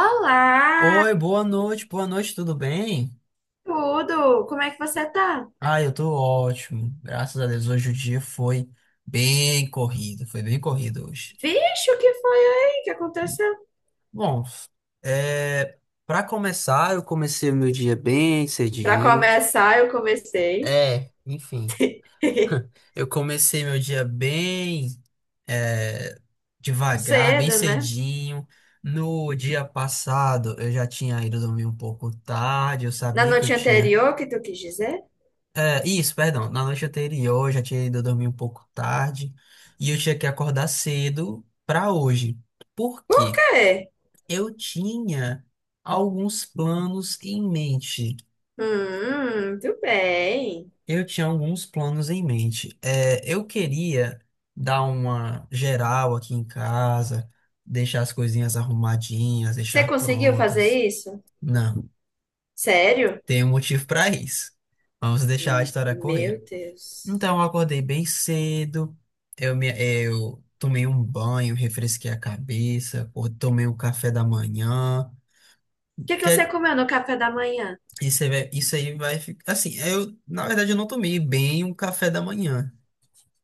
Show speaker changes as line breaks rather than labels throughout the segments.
Olá,
Oi, boa noite, tudo bem?
tudo? Como é que você tá?
Ah, eu tô ótimo, graças a Deus. Hoje o dia foi bem corrido hoje.
Vixe, o que foi aí? O que aconteceu?
Bom, é, para começar, eu comecei o meu dia bem
Pra
cedinho.
começar, eu comecei
Enfim, eu comecei meu dia bem é, devagar, bem
cedo, né?
cedinho. No dia passado, eu já tinha ido dormir um pouco tarde, eu
Na
sabia que eu
noite
tinha.
anterior, que tu quis dizer?
É, isso, perdão. Na noite anterior, eu já tinha ido dormir um pouco tarde e eu tinha que acordar cedo para hoje. Por
Por
quê?
quê?
Eu tinha alguns planos em mente.
Muito bem.
Eu tinha alguns planos em mente. Eu queria dar uma geral aqui em casa, deixar as coisinhas arrumadinhas,
Você
deixar
conseguiu fazer
prontas.
isso?
Não,
Sério?
tem um motivo para isso. Vamos deixar a história correr.
Meu Deus.
Então, eu acordei bem cedo, eu tomei um banho, refresquei a cabeça, ou tomei o café da manhã.
O que que
Que
você
é-
comeu no café da manhã?
isso, aí vai- Isso aí vai ficar. Assim, eu, na verdade, eu não tomei bem um café da manhã,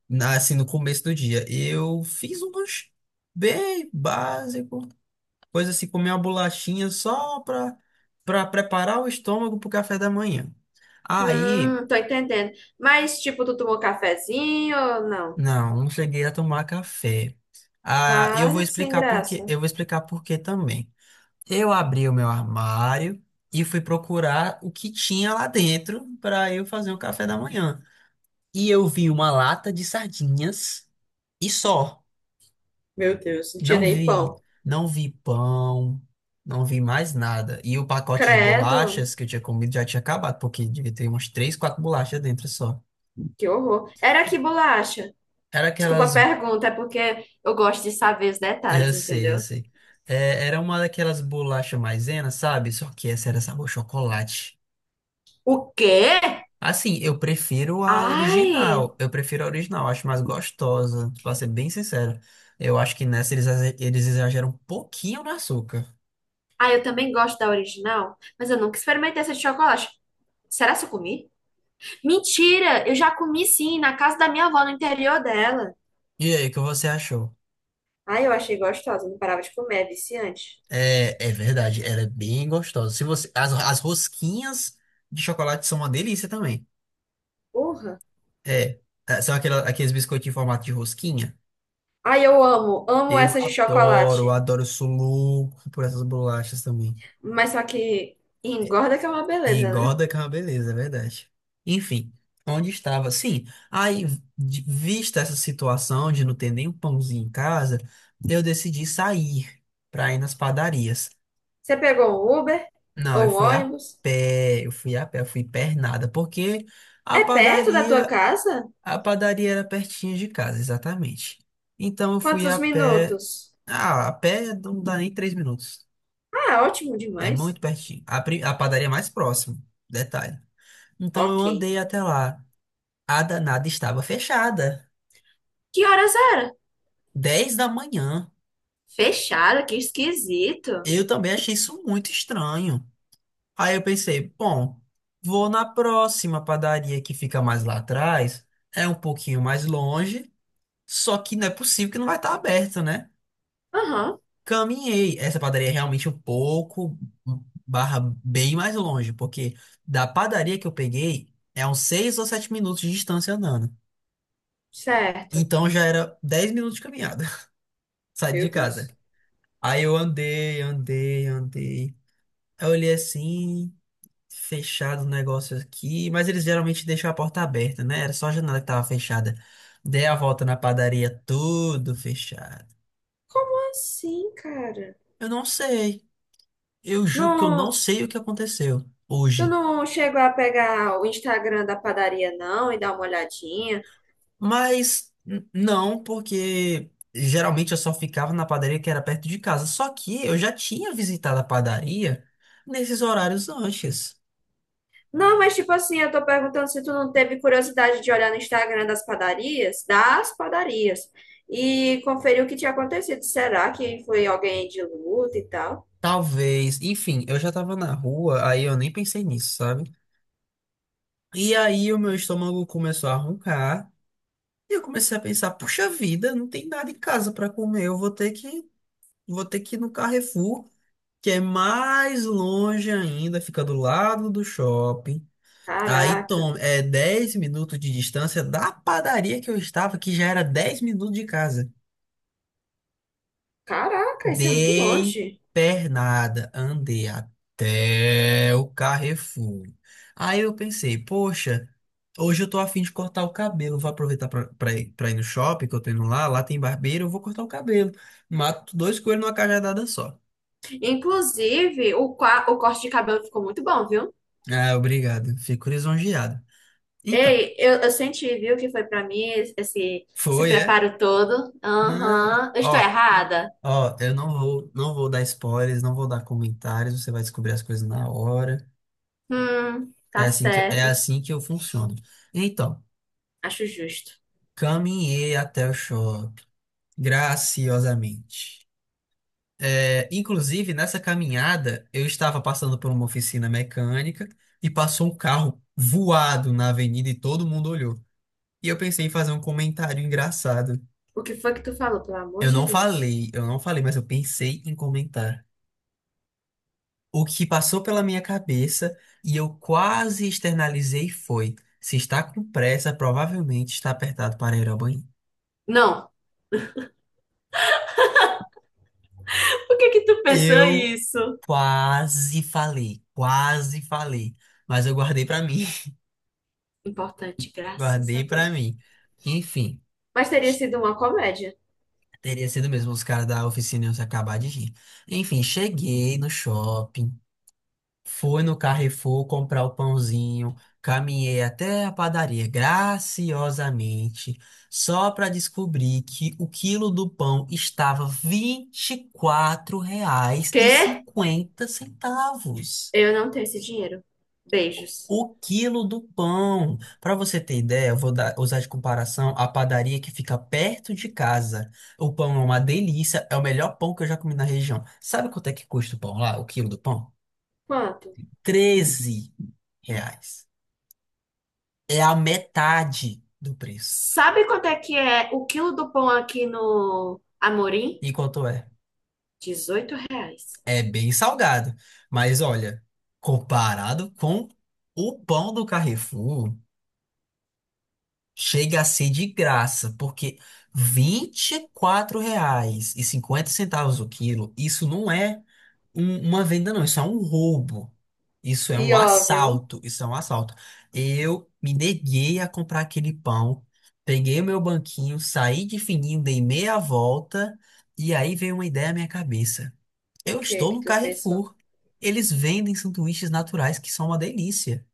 assim, no começo do dia. Eu fiz um lanche bem básico, coisa assim, comer uma bolachinha só para preparar o estômago para o café da manhã. Aí.
Tô entendendo. Mas, tipo, tu tomou cafezinho ou não?
Não, não cheguei a tomar café. Ah, eu vou
Vale que sem
explicar por quê.
graça.
Eu vou explicar por quê também. Eu abri o meu armário e fui procurar o que tinha lá dentro para eu fazer o café da manhã. E eu vi uma lata de sardinhas e só.
Meu Deus, não tinha
Não
nem
vi,
pão.
não vi pão, não vi mais nada. E o pacote de
Credo,
bolachas que eu tinha comido já tinha acabado, porque devia ter umas três, quatro bolachas dentro só.
que horror. Era que bolacha?
Era
Desculpa a
aquelas.
pergunta, é porque eu gosto de saber os
Eu
detalhes,
sei, eu
entendeu?
sei. É, era uma daquelas bolachas maisena, sabe? Só que essa era sabor chocolate.
O quê?
Assim, eu prefiro a original.
Ai!
Eu prefiro a original, acho mais gostosa, pra ser bem sincero. Eu acho que nessa eles exageram um pouquinho no açúcar.
Ah, eu também gosto da original, mas eu nunca experimentei essa de chocolate. Será que eu comi? Mentira! Eu já comi sim, na casa da minha avó, no interior dela.
E aí, o que você achou?
Ai, eu achei gostosa, não parava de comer, é viciante.
É, é verdade, ela é bem gostosa. Se você, as rosquinhas de chocolate são uma delícia também.
Porra!
É, são aqueles biscoitinhos em formato de rosquinha.
Ai, eu amo, amo
Eu
essas de
adoro,
chocolate.
adoro, eu sou louco por essas bolachas também.
Mas só que engorda que é uma
E
beleza, né?
engorda que é uma beleza, é verdade. Enfim, onde estava? Sim, aí, vista essa situação de não ter nem um pãozinho em casa, eu decidi sair para ir nas padarias.
Você pegou um Uber
Não, eu
ou um
fui a
ônibus?
pé, eu fui a pé, eu fui pernada, porque a
É perto da tua
padaria,
casa?
a padaria era pertinho de casa, exatamente. Então eu fui a
Quantos
pé,
minutos?
ah, a pé não dá nem 3 minutos.
Ah, ótimo
É
demais.
muito pertinho. A padaria mais próxima. Detalhe. Então eu
Ok.
andei até lá. A danada estava fechada.
Que horas era?
10 da manhã.
Fechada, que esquisito.
Eu também achei isso muito estranho. Aí eu pensei, bom, vou na próxima padaria que fica mais lá atrás. É um pouquinho mais longe. Só que não é possível que não vai estar aberta, né?
Aham,
Caminhei. Essa padaria é realmente um pouco barra bem mais longe, porque da padaria que eu peguei é uns 6 ou 7 minutos de distância andando.
certo.
Então já era 10 minutos de caminhada, saí de
Meu
casa.
Deus.
Aí eu andei, andei, andei. Aí eu olhei assim, fechado o negócio aqui, mas eles geralmente deixam a porta aberta, né? Era só a janela que tava fechada. Dei a volta na padaria, tudo fechado.
Como assim, cara?
Eu não sei, eu juro que eu não
Não,
sei o que aconteceu
tu
hoje.
não chegou a pegar o Instagram da padaria, não, e dar uma olhadinha?
Mas não, porque geralmente eu só ficava na padaria que era perto de casa. Só que eu já tinha visitado a padaria nesses horários antes.
Não, mas tipo assim, eu tô perguntando se tu não teve curiosidade de olhar no Instagram das padarias, e conferir o que tinha acontecido. Será que foi alguém de luta e tal?
Talvez, enfim, eu já tava na rua, aí eu nem pensei nisso, sabe? E aí o meu estômago começou a roncar, e eu comecei a pensar, puxa vida, não tem nada em casa pra comer, eu vou ter que ir no Carrefour, que é mais longe ainda, fica do lado do shopping. Aí
Caraca.
tom é 10 minutos de distância da padaria que eu estava, que já era 10 minutos de casa.
Caraca, isso é muito
Dei
longe.
pernada, andei até o Carrefour. Aí eu pensei, poxa, hoje eu tô afim de cortar o cabelo. Vou aproveitar pra ir no shopping, que eu tô indo lá, lá tem barbeiro, eu vou cortar o cabelo. Mato dois coelhos numa cajadada só.
Inclusive, o corte de cabelo ficou muito bom, viu?
Ah, obrigado, fico lisonjeado. Então,
Ei, eu senti, viu, que foi pra mim esse
foi, é?
preparo todo.
Não,
Aham. Eu estou
ó,
errada?
eu não vou dar spoilers, não vou dar comentários, você vai descobrir as coisas na hora.
Tá
É
certa.
assim que eu funciono. Então,
Acho justo.
caminhei até o shopping, graciosamente. É, inclusive, nessa caminhada, eu estava passando por uma oficina mecânica e passou um carro voado na avenida e todo mundo olhou. E eu pensei em fazer um comentário engraçado.
O que foi que tu falou, pelo amor de Deus?
Eu não falei, mas eu pensei em comentar. O que passou pela minha cabeça e eu quase externalizei foi: se está com pressa, provavelmente está apertado para ir ao banheiro.
Não. O que que tu pensou
Eu
isso?
Quase falei, mas eu guardei pra mim,
Importante, graças a
guardei pra
Deus.
mim. Enfim,
Mas teria sido uma comédia.
teria sido mesmo os caras da oficina iam se acabar de rir. Enfim, cheguei no shopping, fui no Carrefour comprar o pãozinho, caminhei até a padaria graciosamente, só pra descobrir que o quilo do pão estava R$ 24 reais e
Quê?
50 centavos.
Eu não tenho esse dinheiro. Beijos.
O quilo do pão. Para você ter ideia, usar de comparação a padaria que fica perto de casa. O pão é uma delícia, é o melhor pão que eu já comi na região. Sabe quanto é que custa o pão lá, o quilo do pão?
Quanto?
R$ 13. É a metade do preço.
Sabe quanto é que é o quilo do pão aqui no Amorim?
E quanto é?
18 reais.
É bem salgado. Mas olha, comparado com o pão do Carrefour. Chega a ser de graça, porque vinte e quatro reais e cinquenta centavos o quilo, isso não é uma venda, não, isso é um roubo. Isso é um
Pior, viu?
assalto, isso é um assalto. Eu me neguei a comprar aquele pão, peguei o meu banquinho, saí de fininho, dei meia volta, e aí veio uma ideia à minha cabeça.
O
Eu
que
estou
que
no
tu pensou?
Carrefour. Eles vendem sanduíches naturais que são uma delícia.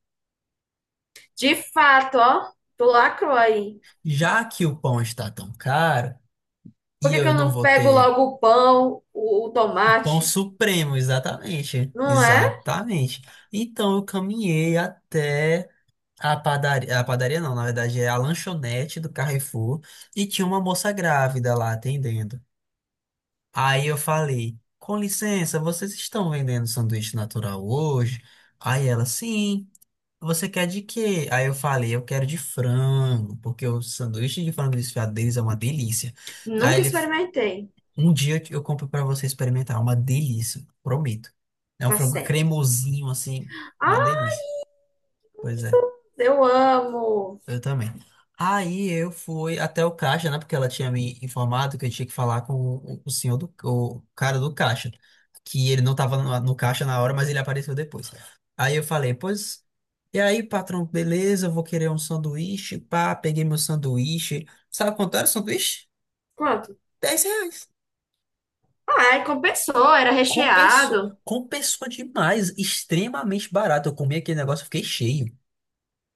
De fato, ó, tu lacrou aí.
Já que o pão está tão caro,
Por
e
que que
eu
eu
não
não
vou
pego
ter.
logo o pão, o
O pão
tomate?
supremo, exatamente.
Não é?
Exatamente. Então eu caminhei até a padaria não, na verdade é a lanchonete do Carrefour e tinha uma moça grávida lá atendendo. Aí eu falei: "Com licença, vocês estão vendendo sanduíche natural hoje?" Aí ela: "Sim. Você quer de quê?" Aí eu falei: "Eu quero de frango, porque o sanduíche de frango desfiado deles é uma delícia." Aí
Nunca
ele
experimentei.
Um dia eu compro pra você experimentar. É uma delícia, prometo. É um
Tá
frango
certo.
cremosinho, assim, uma
Ah,
delícia. Pois
isso
é,
eu amo.
eu também. Aí eu fui até o caixa, né? Porque ela tinha me informado que eu tinha que falar com o senhor o cara do caixa. Que ele não tava no caixa na hora, mas ele apareceu depois. Aí eu falei, pois. E aí, patrão, beleza, eu vou querer um sanduíche. Pá, peguei meu sanduíche. Sabe quanto era o sanduíche?
Quanto?
R$ 10.
Ai, compensou, era
Compensou,
recheado.
compensou demais, extremamente barato. Eu comi aquele negócio, e fiquei cheio.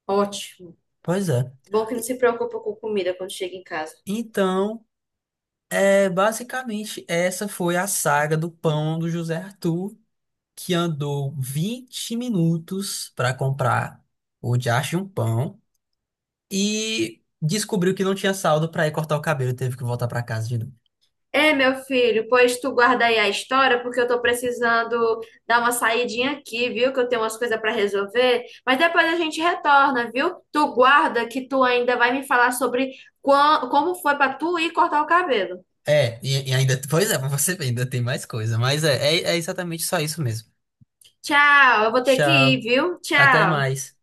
Ótimo.
Pois é.
Bom que não se preocupa com comida quando chega em casa.
Então, é, basicamente, essa foi a saga do pão do José Arthur, que andou 20 minutos para comprar o diacho de um pão e descobriu que não tinha saldo para ir cortar o cabelo e teve que voltar para casa de novo.
É, meu filho, pois tu guarda aí a história, porque eu tô precisando dar uma saidinha aqui, viu? Que eu tenho umas coisas pra resolver. Mas depois a gente retorna, viu? Tu guarda que tu ainda vai me falar sobre como foi pra tu ir cortar o cabelo.
É, e ainda, pois é, pra você ver, ainda tem mais coisa, mas é exatamente só isso mesmo.
Tchau, eu vou ter que ir,
Tchau,
viu?
até
Tchau.
mais.